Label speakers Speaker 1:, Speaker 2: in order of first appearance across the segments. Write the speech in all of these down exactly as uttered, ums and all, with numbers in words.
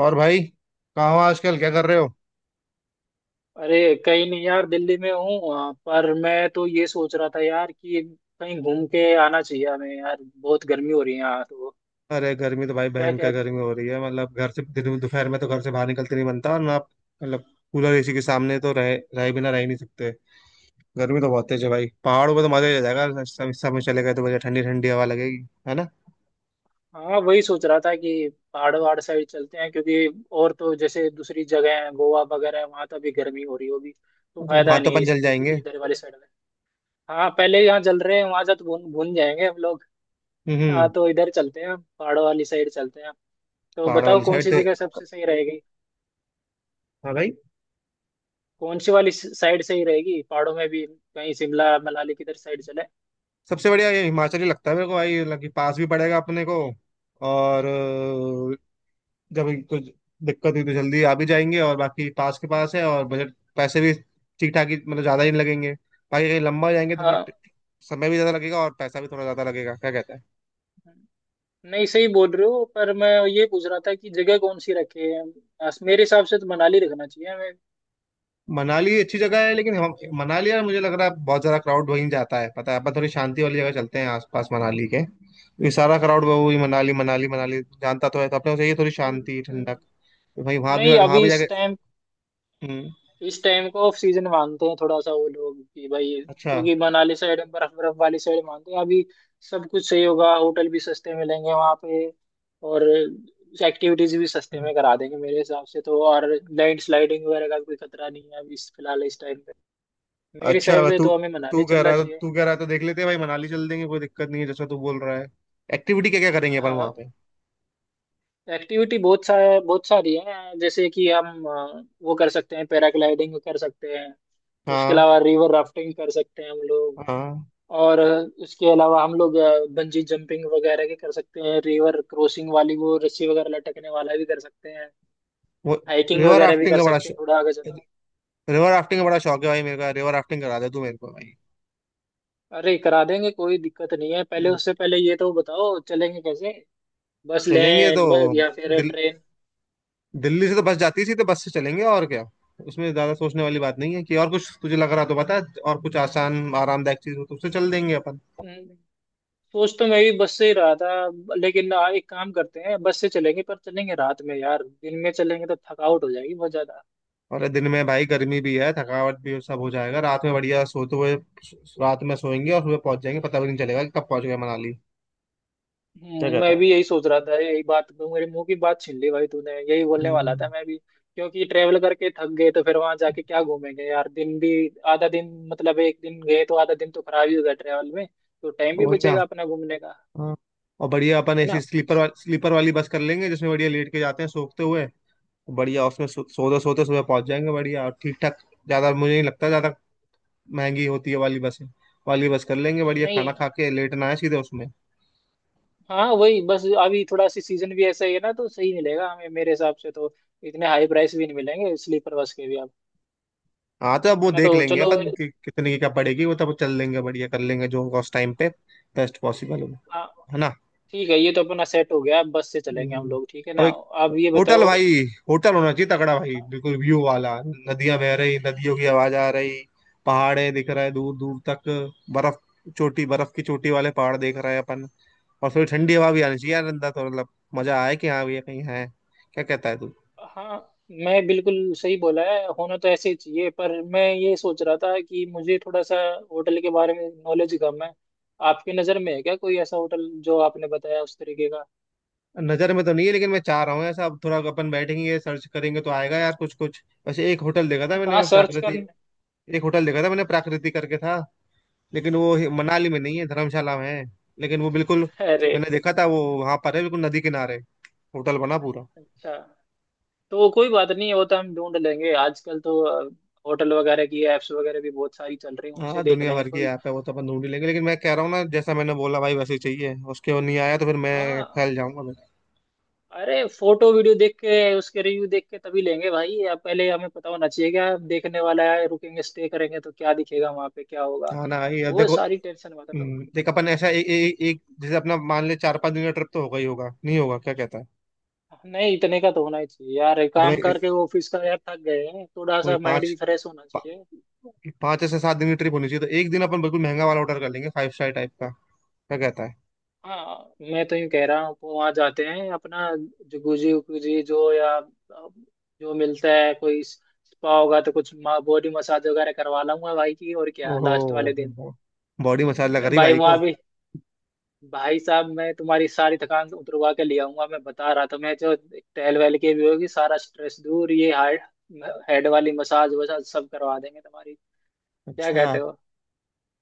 Speaker 1: और भाई, कहाँ हो आजकल? क्या कर रहे हो?
Speaker 2: अरे, कहीं नहीं यार, दिल्ली में हूँ, आ, पर मैं तो ये सोच रहा था यार कि कहीं घूम के आना चाहिए हमें यार, बहुत गर्मी हो रही है यहाँ तो।
Speaker 1: अरे गर्मी तो भाई
Speaker 2: क्या
Speaker 1: भयंकर
Speaker 2: कहते हो?
Speaker 1: गर्मी हो रही है। मतलब घर से दि- दोपहर में तो घर से बाहर निकलते नहीं बनता और ना आप। मतलब कूलर एसी के सामने तो रह रह बिना रह ही नहीं सकते। गर्मी तो बहुत तेज है भाई। पहाड़ों पे तो मजा ही आ जाएगा। इस सब इस समय चले गए तो बढ़िया ठंडी ठंडी हवा लगेगी, है ना?
Speaker 2: हाँ, वही सोच रहा था कि पहाड़ वहाड़ साइड चलते हैं, क्योंकि और तो जैसे दूसरी जगह है, गोवा वगैरह है, वहाँ तो अभी गर्मी हो रही होगी, तो
Speaker 1: वहां
Speaker 2: फायदा
Speaker 1: तो
Speaker 2: नहीं है
Speaker 1: अपन
Speaker 2: इस
Speaker 1: जल
Speaker 2: इध-
Speaker 1: जाएंगे।
Speaker 2: इधर वाली साइड में। हाँ, पहले यहाँ जल रहे हैं, वहाँ से तो भून भून जाएंगे हम लोग।
Speaker 1: हम्म।
Speaker 2: हाँ, तो इधर चलते हैं, पहाड़ों वाली साइड चलते हैं। तो
Speaker 1: पहाड़
Speaker 2: बताओ
Speaker 1: वाली
Speaker 2: कौन
Speaker 1: साइड
Speaker 2: सी
Speaker 1: तो।
Speaker 2: जगह सबसे सही रहेगी?
Speaker 1: हाँ भाई।
Speaker 2: कौन सी वाली साइड सही रहेगी? पहाड़ों में भी कहीं शिमला मनाली, किधर साइड चले?
Speaker 1: सबसे बढ़िया ये हिमाचल ही लगता है मेरे को भाई, मतलब कि पास भी पड़ेगा अपने को। और जब कुछ दिक्कत हुई तो जल्दी आ भी जाएंगे, और बाकी पास के पास है, और बजट पैसे भी ठीक ठाक ही, मतलब ज़्यादा ही नहीं लगेंगे। बाकी कहीं लंबा जाएंगे तो फिर
Speaker 2: हाँ।
Speaker 1: ट- समय भी ज़्यादा लगेगा और पैसा भी थोड़ा ज़्यादा लगेगा। क्या कहता है?
Speaker 2: नहीं, सही बोल रहे हो, पर मैं ये पूछ रहा था कि जगह कौन सी रखे। मेरे हिसाब से तो मनाली रखना चाहिए हमें।
Speaker 1: मनाली अच्छी जगह है, लेकिन हम मनाली, यार मुझे लग रहा है बहुत ज़्यादा क्राउड वहीं जाता है। पता है, अपन थोड़ी शांति वाली जगह चलते हैं आसपास मनाली के। ये सारा क्राउड वो ही मनाली मनाली मनाली जानता तो है, तो अपने को चाहिए थोड़ी
Speaker 2: हम्म।
Speaker 1: शांति
Speaker 2: हम्म।
Speaker 1: ठंडक। तो भाई वहाँ भी
Speaker 2: नहीं,
Speaker 1: वहाँ
Speaker 2: अभी
Speaker 1: भी
Speaker 2: इस
Speaker 1: जाके।
Speaker 2: टाइम,
Speaker 1: हम्म।
Speaker 2: इस टाइम को ऑफ सीजन मानते हैं थोड़ा सा वो लोग कि भाई,
Speaker 1: अच्छा।
Speaker 2: क्योंकि मनाली साइड बर्फ बर्फ वाली साइड मानते हैं अभी। सब कुछ सही होगा, होटल भी सस्ते मिलेंगे वहाँ पे। और एक्टिविटीज भी सस्ते में करा देंगे मेरे हिसाब से तो, और लैंड स्लाइडिंग वगैरह का कोई खतरा नहीं है अभी, इस फिलहाल इस टाइम पे। मेरे हिसाब
Speaker 1: अच्छा,
Speaker 2: से
Speaker 1: तू
Speaker 2: तो हमें
Speaker 1: तू
Speaker 2: मनाली
Speaker 1: कह
Speaker 2: चलना
Speaker 1: रहा है,
Speaker 2: चाहिए।
Speaker 1: तू कह रहा है तो देख लेते हैं भाई, मनाली चल देंगे, कोई दिक्कत नहीं है जैसा तू बोल रहा है। एक्टिविटी क्या क्या करेंगे अपन
Speaker 2: हाँ।
Speaker 1: वहां पे?
Speaker 2: एक्टिविटी बहुत सा बहुत सारी है। जैसे कि हम अ, वो कर सकते हैं, पैराग्लाइडिंग कर सकते हैं। उसके
Speaker 1: हाँ।
Speaker 2: अलावा रिवर राफ्टिंग कर सकते हैं हम लोग।
Speaker 1: हाँ।
Speaker 2: और इसके अलावा हम लोग बंजी जंपिंग वगैरह भी कर सकते हैं, रिवर क्रॉसिंग वाली वो रस्सी वगैरह लटकने वाला भी कर सकते हैं।
Speaker 1: वो
Speaker 2: हाइकिंग
Speaker 1: रिवर
Speaker 2: वगैरह भी
Speaker 1: राफ्टिंग
Speaker 2: कर
Speaker 1: का बड़ा
Speaker 2: सकते हैं
Speaker 1: शौक
Speaker 2: थोड़ा आगे जाता।
Speaker 1: रिवर राफ्टिंग का बड़ा शौक है भाई मेरे का। रिवर राफ्टिंग करा दे तू मेरे को भाई।
Speaker 2: अरे, करा देंगे, कोई दिक्कत नहीं है। पहले
Speaker 1: हम्म।
Speaker 2: उससे पहले ये तो बताओ, चलेंगे कैसे? बस
Speaker 1: चलेंगे तो
Speaker 2: लें, ब, या फिर
Speaker 1: दिल,
Speaker 2: ट्रेन?
Speaker 1: दिल्ली से तो बस जाती थी, तो बस से चलेंगे और क्या। उसमें ज्यादा सोचने वाली बात
Speaker 2: हम्म।
Speaker 1: नहीं है। कि और कुछ तुझे लग रहा तो बता। और कुछ आसान आरामदायक चीज हो तो उससे चल देंगे अपन।
Speaker 2: हम्म। सोच तो मैं भी बस से ही रहा था, लेकिन आ, एक काम करते हैं, बस से चलेंगे पर चलेंगे रात में यार, दिन में चलेंगे तो थकावट हो जाएगी बहुत ज्यादा।
Speaker 1: और दिन में भाई गर्मी भी है, थकावट भी सब हो जाएगा। रात में बढ़िया सोते हुए। रात में सोएंगे और सुबह पहुंच जाएंगे, पता भी नहीं चलेगा कि कब पहुंच गए मनाली। क्या
Speaker 2: हम्म,
Speaker 1: कहता
Speaker 2: मैं
Speaker 1: है?
Speaker 2: भी यही सोच रहा था, यही बात मेरे मुंह की बात छीन ली भाई तूने, यही बोलने वाला
Speaker 1: हम्म।
Speaker 2: था मैं भी, क्योंकि ट्रेवल करके थक गए तो फिर वहां जाके क्या घूमेंगे यार? दिन भी आधा दिन, मतलब एक दिन गए तो आधा दिन तो खराब ही होगा ट्रेवल में। तो टाइम भी
Speaker 1: वही ना।
Speaker 2: बचेगा अपना घूमने का,
Speaker 1: हाँ। और बढ़िया अपन
Speaker 2: है
Speaker 1: ऐसी
Speaker 2: ना?
Speaker 1: स्लीपर वा, स्लीपर वाली बस कर लेंगे, जिसमें बढ़िया लेट के जाते हैं सोखते हुए। बढ़िया उसमें सो, सोते सोते सुबह पहुंच जाएंगे बढ़िया और ठीक ठाक। ज्यादा मुझे नहीं लगता ज्यादा महंगी होती है वाली बसें। वाली बस कर लेंगे, बढ़िया
Speaker 2: नहीं,
Speaker 1: खाना खा के लेटना है सीधे उसमें।
Speaker 2: हाँ, वही बस, अभी थोड़ा सी सीजन भी ऐसा ही है ना, तो सही मिलेगा हमें मेरे हिसाब से तो। इतने हाई प्राइस भी नहीं मिलेंगे स्लीपर बस के भी अब।
Speaker 1: हाँ तो अब वो
Speaker 2: है ना, तो
Speaker 1: देख लेंगे
Speaker 2: चलो।
Speaker 1: अपन कि, कितने की क्या पड़ेगी, वो तो अब चल लेंगे, बढ़िया कर लेंगे जो होगा उस टाइम पे। बेस्ट पॉसिबल होगा।
Speaker 2: हाँ।
Speaker 1: है ना?
Speaker 2: ठीक है, ये तो अपना सेट हो गया, अब बस से चलेंगे हम
Speaker 1: हम्म।
Speaker 2: लोग, ठीक है
Speaker 1: अब
Speaker 2: ना?
Speaker 1: एक
Speaker 2: अब ये
Speaker 1: होटल
Speaker 2: बताओ।
Speaker 1: भाई। होटल होना चाहिए तगड़ा भाई, बिल्कुल व्यू वाला, नदियां बह रही, नदियों की आवाज आ रही। पहाड़े दिख रहे दूर दूर तक। बर्फ। चोटी बर्फ की चोटी वाले पहाड़ देख रहे हैं अपन। और थोड़ी ठंडी हवा भी आनी चाहिए यार अंदर, तो मतलब मजा आए कि हाँ भैया कहीं है। क्या कहता है तू?
Speaker 2: हाँ, मैं बिल्कुल सही बोला है, होना तो ऐसे ही चाहिए, पर मैं ये सोच रहा था कि मुझे थोड़ा सा होटल के बारे में नॉलेज कम है। आपकी नज़र में है क्या कोई ऐसा होटल जो आपने बताया उस तरीके का?
Speaker 1: नजर में तो नहीं है, लेकिन मैं चाह रहा हूँ ऐसा। अब थोड़ा अपन बैठेंगे सर्च करेंगे तो आएगा यार कुछ कुछ। वैसे एक होटल देखा था
Speaker 2: हाँ, तो
Speaker 1: मैंने
Speaker 2: आज सर्च कर।
Speaker 1: प्राकृति एक होटल देखा था मैंने प्राकृति करके था। लेकिन वो हि-
Speaker 2: हम्म।
Speaker 1: मनाली में नहीं है, धर्मशाला में है। लेकिन वो बिल्कुल।
Speaker 2: अरे।
Speaker 1: मैंने देखा था वो वहां पर है बिल्कुल नदी किनारे। होटल बना पूरा।
Speaker 2: अच्छा, तो कोई बात नहीं, वो तो हम ढूंढ लेंगे। आजकल तो अ, होटल वगैरह की एप्स वगैरह भी बहुत सारी चल रही हैं,
Speaker 1: हाँ,
Speaker 2: उनसे देख
Speaker 1: दुनिया
Speaker 2: लेंगे
Speaker 1: भर की
Speaker 2: कोई।
Speaker 1: ऐप है वो तो अपन ढूंढ ही लेंगे, लेकिन मैं कह रहा हूँ ना जैसा मैंने बोला भाई वैसे ही चाहिए। उसके वो नहीं आया तो फिर मैं
Speaker 2: हाँ।
Speaker 1: फैल जाऊंगा मैं।
Speaker 2: अरे, फोटो वीडियो देख के, उसके रिव्यू देख के तभी लेंगे भाई। अब पहले हमें पता होना चाहिए क्या देखने वाला है, रुकेंगे स्टे करेंगे तो क्या दिखेगा वहां पे, क्या होगा,
Speaker 1: हाँ ना भाई, अब
Speaker 2: वो
Speaker 1: देखो।
Speaker 2: सारी टेंशन, मतलब।
Speaker 1: हम्म, देख अपन ऐसा ए, ए, एक, जैसे अपना मान ले, चार पांच दिन का ट्रिप तो होगा ही होगा, नहीं होगा? क्या कहता है?
Speaker 2: नहीं, इतने का तो होना ही चाहिए यार,
Speaker 1: मतलब
Speaker 2: काम करके ऑफिस का यार थक गए हैं, थोड़ा
Speaker 1: वही
Speaker 2: सा माइंड
Speaker 1: पांच,
Speaker 2: भी फ्रेश होना
Speaker 1: पा-
Speaker 2: चाहिए।
Speaker 1: पाँच से सात दिन की ट्रिप होनी चाहिए। तो एक दिन अपन बिल्कुल महंगा वाला ऑर्डर कर लेंगे, फाइव स्टार टाइप का। क्या कहता है?
Speaker 2: हाँ, मैं तो यूँ कह रहा हूँ, वहां जाते हैं अपना, जो गुजी गुजी जो, या जो मिलता है, कोई स्पा होगा तो कुछ बॉडी मसाज वगैरह करवा लाऊंगा भाई की, और क्या, लास्ट वाले दिन।
Speaker 1: ओहो, बॉडी मसाज लगा रही
Speaker 2: भाई,
Speaker 1: भाई को।
Speaker 2: वहां भी, भाई साहब, मैं तुम्हारी सारी थकान उतरवा के ले आऊंगा, मैं बता रहा था मैं, जो टहल वहल के भी होगी, सारा स्ट्रेस दूर, ये हार्ट हेड वाली मसाज वसाज सब करवा देंगे तुम्हारी। क्या
Speaker 1: अच्छा।
Speaker 2: कहते हो?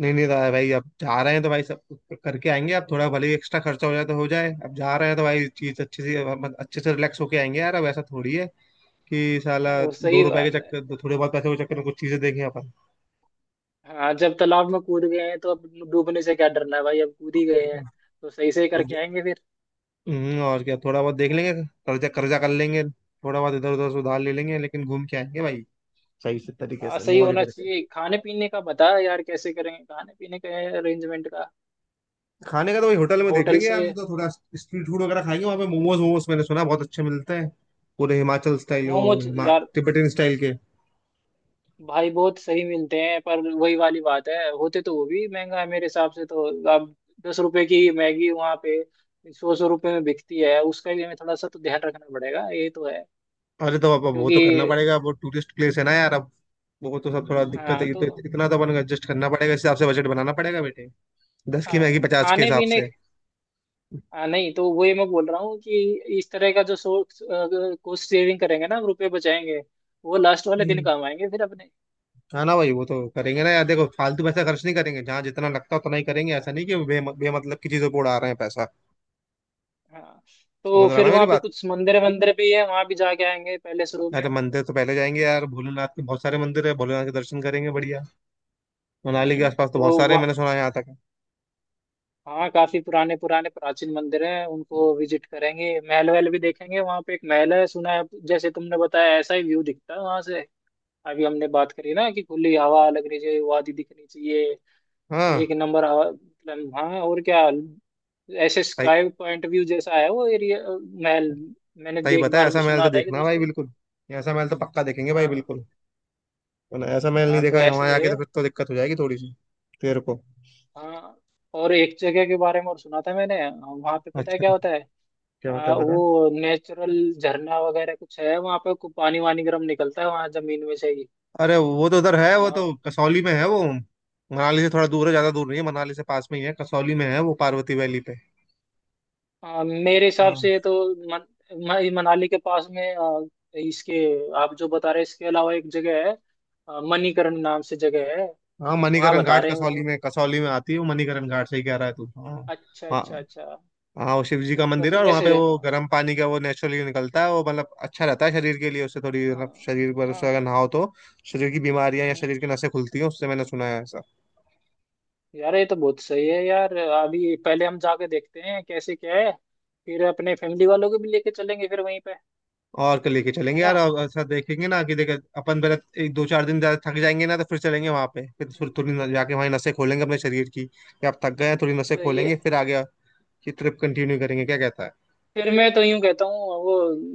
Speaker 1: नहीं नहीं रहा है भाई, अब जा रहे हैं तो भाई सब करके आएंगे। अब थोड़ा भले ही एक्स्ट्रा खर्चा हो जाए तो हो जाए, अब जा रहे हैं तो भाई चीज अच्छे से, मतलब अच्छे से रिलैक्स होके आएंगे यार। अब ऐसा थोड़ी है कि साला
Speaker 2: वो
Speaker 1: दो
Speaker 2: सही
Speaker 1: रुपए के
Speaker 2: बात है।
Speaker 1: चक्कर, थोड़े बहुत पैसे के चक्कर में कुछ चीजें देखें अपन।
Speaker 2: हाँ, जब तालाब में कूद गए हैं तो अब डूबने से क्या डरना है भाई, अब कूद ही गए हैं तो सही से
Speaker 1: अब ज-
Speaker 2: करके आएंगे फिर।
Speaker 1: हम्म, और क्या, थोड़ा बहुत देख लेंगे। कर्जा कर्जा कर लेंगे, थोड़ा बहुत इधर उधर से उधार ले लेंगे, लेकिन घूम के आएंगे भाई, सही से तरीके
Speaker 2: हाँ,
Speaker 1: से
Speaker 2: सही
Speaker 1: मौज
Speaker 2: होना
Speaker 1: करके।
Speaker 2: चाहिए। खाने पीने का बता यार, कैसे करेंगे खाने पीने का अरेंजमेंट का।
Speaker 1: खाने का तो वही होटल में देख
Speaker 2: होटल
Speaker 1: लेंगे यार,
Speaker 2: से।
Speaker 1: तो थोड़ा स्ट्रीट फूड वगैरह खाएंगे वहां पे। मोमोज, मोमोज मैंने सुना बहुत अच्छे मिलते हैं। पूरे हिमाचल स्टाइल वो
Speaker 2: मोमोज
Speaker 1: हिमा
Speaker 2: यार,
Speaker 1: तिब्बतन स्टाइल के।
Speaker 2: भाई बहुत सही मिलते हैं, पर वही वाली बात है, होते तो वो भी महंगा है मेरे हिसाब से तो। अब दस रुपए की मैगी वहाँ पे सौ सौ रुपए में बिकती है, उसका भी हमें थोड़ा सा तो ध्यान रखना पड़ेगा, ये तो है।
Speaker 1: अरे तो अब अब वो तो करना
Speaker 2: क्योंकि।
Speaker 1: पड़ेगा, वो टूरिस्ट प्लेस है ना यार अब। वो तो सब थोड़ा दिक्कत
Speaker 2: हाँ।
Speaker 1: है। ये तो
Speaker 2: तो
Speaker 1: इत- इतना तो अपन एडजस्ट करना पड़ेगा, इस हिसाब से बजट बनाना पड़ेगा बेटे। दस की
Speaker 2: हाँ,
Speaker 1: मैगी पचास के
Speaker 2: खाने
Speaker 1: हिसाब
Speaker 2: पीने।
Speaker 1: से।
Speaker 2: हाँ, नहीं तो वही मैं बोल रहा हूँ कि इस तरह का जो सोर्स, कॉस्ट सेविंग करेंगे ना, रुपए बचाएंगे, वो लास्ट वाले दिन
Speaker 1: हम्म।
Speaker 2: काम आएंगे फिर अपने।
Speaker 1: हाँ ना भाई, वो तो करेंगे ना यार, देखो फालतू पैसा खर्च नहीं करेंगे। जहाँ जितना लगता है उतना ही करेंगे,
Speaker 2: हाँ।
Speaker 1: ऐसा नहीं कि बे, बेमतलब की चीजों पे उड़ा रहे हैं पैसा।
Speaker 2: हाँ। तो
Speaker 1: समझ रहा ना
Speaker 2: फिर
Speaker 1: मेरी
Speaker 2: वहाँ पे
Speaker 1: बात?
Speaker 2: कुछ मंदिर मंदिर भी है, वहाँ भी जाके आएंगे पहले शुरू में।
Speaker 1: अरे मंदिर तो पहले जाएंगे यार, भोलेनाथ के बहुत सारे मंदिर है, भोलेनाथ के दर्शन करेंगे बढ़िया। मनाली के
Speaker 2: हम्म
Speaker 1: आसपास तो
Speaker 2: तो
Speaker 1: बहुत सारे हैं, मैंने सुना है यहाँ तक।
Speaker 2: हाँ, काफी पुराने पुराने प्राचीन मंदिर हैं, उनको विजिट करेंगे। महल वहल भी देखेंगे, वहां पे एक महल है सुना है, जैसे तुमने बताया ऐसा ही व्यू दिखता है वहां से। अभी हमने बात करी ना कि खुली हवा लगनी चाहिए, वादी दिखनी चाहिए।
Speaker 1: हाँ।
Speaker 2: एक नंबर हवा, मतलब हाँ, और क्या, ऐसे
Speaker 1: सही,
Speaker 2: स्काई पॉइंट व्यू जैसा है वो एरिया, महल। मैंने
Speaker 1: सही
Speaker 2: भी एक
Speaker 1: बताया,
Speaker 2: बार
Speaker 1: ऐसा महल तो
Speaker 2: सुना था कि
Speaker 1: देखना
Speaker 2: दोस्त
Speaker 1: भाई
Speaker 2: है।
Speaker 1: बिल्कुल। ऐसा महल तो पक्का देखेंगे भाई
Speaker 2: हाँ।
Speaker 1: बिल्कुल। वरना ऐसा महल नहीं
Speaker 2: हाँ, तो
Speaker 1: देखा
Speaker 2: ऐसे
Speaker 1: वहां जाके तो
Speaker 2: है।
Speaker 1: फिर तो दिक्कत हो जाएगी थोड़ी सी तेरे को।
Speaker 2: हाँ, और एक जगह के बारे में और सुना था मैंने, वहां पे पता है क्या
Speaker 1: अच्छा,
Speaker 2: होता है?
Speaker 1: क्या होता
Speaker 2: आ,
Speaker 1: है बता?
Speaker 2: वो नेचुरल झरना वगैरह कुछ है वहां पे, को पानी वानी गर्म निकलता है वहां जमीन में से ही।
Speaker 1: अरे वो तो उधर है, वो
Speaker 2: आ,
Speaker 1: तो कसौली में है, वो मनाली से थोड़ा दूर है, ज्यादा दूर नहीं है मनाली से, पास में ही है। कसौली में है वो, पार्वती वैली पे।
Speaker 2: आ, मेरे हिसाब
Speaker 1: हाँ,
Speaker 2: से ये तो मन, म- मनाली के पास में, आ, इसके, आप जो बता रहे हैं इसके अलावा एक जगह है, आ, मणिकरण नाम से जगह है।
Speaker 1: हाँ
Speaker 2: वहां
Speaker 1: मणिकरण
Speaker 2: बता
Speaker 1: घाट
Speaker 2: रहे हैं वो
Speaker 1: कसौली
Speaker 2: तो।
Speaker 1: में कसौली में आती है वो, मणिकरण घाट सही कह रहा है तू। हाँ।
Speaker 2: अच्छा,
Speaker 1: हाँ,
Speaker 2: अच्छा, अच्छा।
Speaker 1: हाँ वो शिव जी का
Speaker 2: बस
Speaker 1: मंदिर है, और वहाँ
Speaker 2: वैसे,
Speaker 1: पे वो
Speaker 2: हाँ।
Speaker 1: गर्म पानी का वो नेचुरली निकलता है वो। मतलब अच्छा रहता है शरीर के लिए उससे, थोड़ी
Speaker 2: हाँ।
Speaker 1: मतलब शरीर पर उससे अगर
Speaker 2: हाँ।
Speaker 1: नहाओ तो शरीर की बीमारियां या
Speaker 2: हम्म।
Speaker 1: शरीर की नसें खुलती हैं उससे, मैंने सुना है ऐसा।
Speaker 2: यार, ये तो बहुत सही है यार, अभी पहले हम जाके देखते हैं कैसे क्या है, फिर अपने फैमिली वालों को भी लेके चलेंगे फिर वहीं पे।
Speaker 1: और कल लेके
Speaker 2: है
Speaker 1: चलेंगे यार,
Speaker 2: ना।
Speaker 1: और ऐसा देखेंगे ना कि देखे अपन पहले एक दो चार दिन, ज्यादा थक जाएंगे ना तो फिर चलेंगे वहाँ पे। फिर थोड़ी थोड़ी न- जाके वहाँ नसें खोलेंगे अपने शरीर की, कि आप थक गए हैं थोड़ी नसें
Speaker 2: सही है।
Speaker 1: खोलेंगे फिर आगे की ट्रिप कंटिन्यू करेंगे। क्या कहता है?
Speaker 2: फिर मैं तो यूं कहता हूँ वो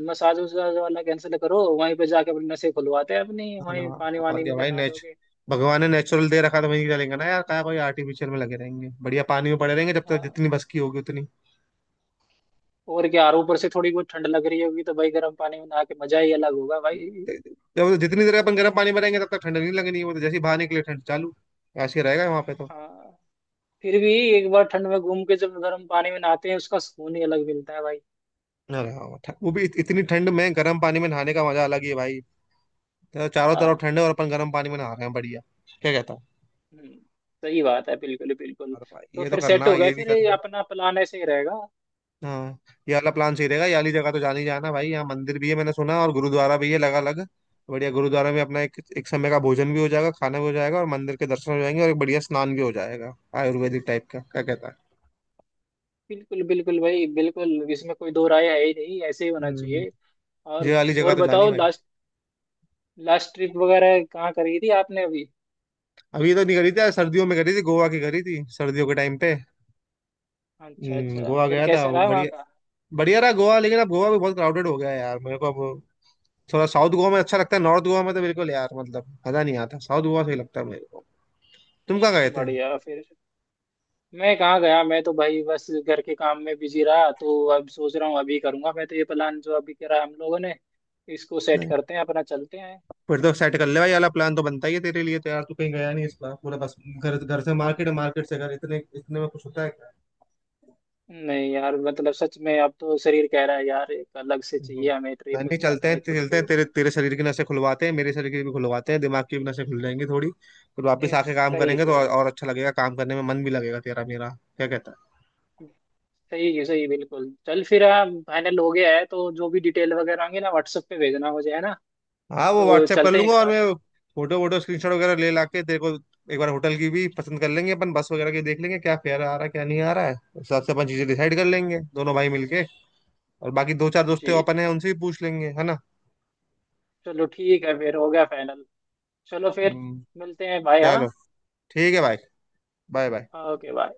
Speaker 2: मसाज वसाज वाला कैंसिल करो, वहीं पे जाके अपनी नसें खुलवाते हैं अपनी,
Speaker 1: हाँ ना,
Speaker 2: वहीं पानी
Speaker 1: और
Speaker 2: वानी
Speaker 1: क्या
Speaker 2: में
Speaker 1: भाई,
Speaker 2: नहा
Speaker 1: नेच
Speaker 2: दोगे।
Speaker 1: भगवान ने नेचुरल दे रखा तो वहीं चलेंगे ना यार, क्या कोई आर्टिफिशियल में लगे रहेंगे। बढ़िया पानी में पड़े रहेंगे जब तक
Speaker 2: हाँ,
Speaker 1: जितनी बस की होगी उतनी।
Speaker 2: और क्या, और ऊपर से थोड़ी बहुत ठंड लग रही होगी तो भाई गर्म पानी में नहा के मजा ही अलग होगा भाई।
Speaker 1: जब जितनी देर अपन गर्म पानी में रहेंगे तब तक ठंड नहीं लगनी, वो तो जैसे ही बाहर निकले ठंड चालू। ऐसे ही रहेगा वहां पे तो।
Speaker 2: हाँ, फिर भी एक बार ठंड में घूम के जब गर्म पानी में नहाते हैं उसका सुकून ही अलग मिलता है भाई।
Speaker 1: अरे हाँ, ठ- वो भी इत- इतनी ठंड में गर्म पानी में नहाने का मजा अलग ही है भाई। तो चारों तरफ
Speaker 2: हाँ।
Speaker 1: ठंड है और अपन गर्म पानी में नहा रहे हैं, बढ़िया। क्या कहता है?
Speaker 2: हम्म, सही बात है, बिल्कुल बिल्कुल।
Speaker 1: अरे भाई,
Speaker 2: तो
Speaker 1: ये तो
Speaker 2: फिर सेट
Speaker 1: करना,
Speaker 2: हो गए,
Speaker 1: ये भी
Speaker 2: फिर ये
Speaker 1: करना।
Speaker 2: अपना प्लान ऐसे ही रहेगा।
Speaker 1: हाँ। ये वाला प्लान सही रहेगा। ये वाली जगह तो जान ही जाना भाई, यहाँ मंदिर भी है मैंने सुना और गुरुद्वारा भी है लगा अलग। बढ़िया, गुरुद्वारा में अपना एक एक समय का भोजन भी हो जाएगा, खाना भी हो जाएगा, और मंदिर के दर्शन हो जाएंगे, और एक बढ़िया स्नान भी हो जाएगा, आयुर्वेदिक टाइप का। क्या कहता है?
Speaker 2: बिल्कुल बिल्कुल भाई बिल्कुल, इसमें कोई दो राय है ही नहीं, ऐसे ही होना
Speaker 1: हम्म,
Speaker 2: चाहिए।
Speaker 1: ये
Speaker 2: और
Speaker 1: वाली जगह
Speaker 2: और
Speaker 1: तो जानी
Speaker 2: बताओ,
Speaker 1: भाई।
Speaker 2: लास्ट लास्ट ट्रिप वगैरह कहाँ करी थी आपने अभी?
Speaker 1: अभी तो नहीं करी थी यार, सर्दियों में करी थी, गोवा की करी थी सर्दियों के टाइम पे।
Speaker 2: अच्छा,
Speaker 1: हम्म,
Speaker 2: अच्छा,
Speaker 1: गोवा
Speaker 2: फिर
Speaker 1: गया था
Speaker 2: कैसा
Speaker 1: वो।
Speaker 2: रहा वहाँ
Speaker 1: बढ़िया,
Speaker 2: का?
Speaker 1: बढ़िया रहा गोवा, लेकिन अब गोवा भी बहुत क्राउडेड हो गया है यार मेरे को अब। थोड़ा साउथ गोवा में अच्छा लगता है, नॉर्थ गोवा में तो बिल्कुल यार, मतलब मजा नहीं आता। साउथ गोवा सही लगता है मेरे को। तुम कहाँ गए
Speaker 2: बढ़िया, फिर। मैं कहाँ गया? मैं तो भाई बस घर के काम में बिजी रहा, तो अब सोच रहा हूँ अभी करूँगा, मैं तो ये प्लान जो अभी करा हम लोगों ने इसको सेट
Speaker 1: थे?
Speaker 2: करते हैं अपना, चलते हैं।
Speaker 1: फिर तो सेट कर ले भाई, वाला प्लान तो बनता ही है तेरे लिए तो यार। तू कहीं गया नहीं इस बार, पूरा बस घर, घर से
Speaker 2: हाँ,
Speaker 1: मार्केट, मार्केट से घर, इतने इतने में कुछ होता है क्या?
Speaker 2: नहीं यार, मतलब सच में अब तो शरीर कह रहा है यार, एक अलग से
Speaker 1: हम्म।
Speaker 2: चाहिए हमें
Speaker 1: नहीं,
Speaker 2: ट्रिप
Speaker 1: चलते हैं
Speaker 2: अपने खुद
Speaker 1: चलते हैं,
Speaker 2: को।
Speaker 1: तेरे तेरे शरीर की नसें खुलवाते हैं, मेरे शरीर की भी खुलवाते हैं, दिमाग की भी नसें खुल जाएंगी थोड़ी। फिर वापस
Speaker 2: ए,
Speaker 1: आके काम
Speaker 2: सही
Speaker 1: करेंगे तो
Speaker 2: सही।
Speaker 1: और, और अच्छा लगेगा, काम करने में मन भी लगेगा तेरा मेरा। क्या कहता है?
Speaker 2: सही है, सही है, बिल्कुल चल फिर। हाँ, फाइनल हो गया है, तो जो भी डिटेल वगैरह आएंगे ना व्हाट्सएप पे भेजना मुझे, है ना,
Speaker 1: हाँ, वो
Speaker 2: तो
Speaker 1: व्हाट्सएप कर
Speaker 2: चलते हैं
Speaker 1: लूंगा
Speaker 2: एक
Speaker 1: और
Speaker 2: साथ।
Speaker 1: मैं फोटो वोटो स्क्रीनशॉट वगैरह ले ला के तेरे को। एक बार होटल की भी पसंद कर लेंगे अपन, बस वगैरह की देख लेंगे क्या फेयर आ रहा है क्या नहीं आ रहा है, उस हिसाब से अपन चीजें डिसाइड कर
Speaker 2: हम्म।
Speaker 1: लेंगे दोनों भाई मिलके। और बाकी दो चार दोस्त हैं
Speaker 2: जी,
Speaker 1: अपन है, उनसे भी पूछ लेंगे। है ना?
Speaker 2: चलो, ठीक है, फिर हो गया फाइनल। चलो फिर
Speaker 1: हम्म,
Speaker 2: मिलते हैं, बाय। हाँ,
Speaker 1: चलो ठीक है भाई। Bye bye.
Speaker 2: Okay bye.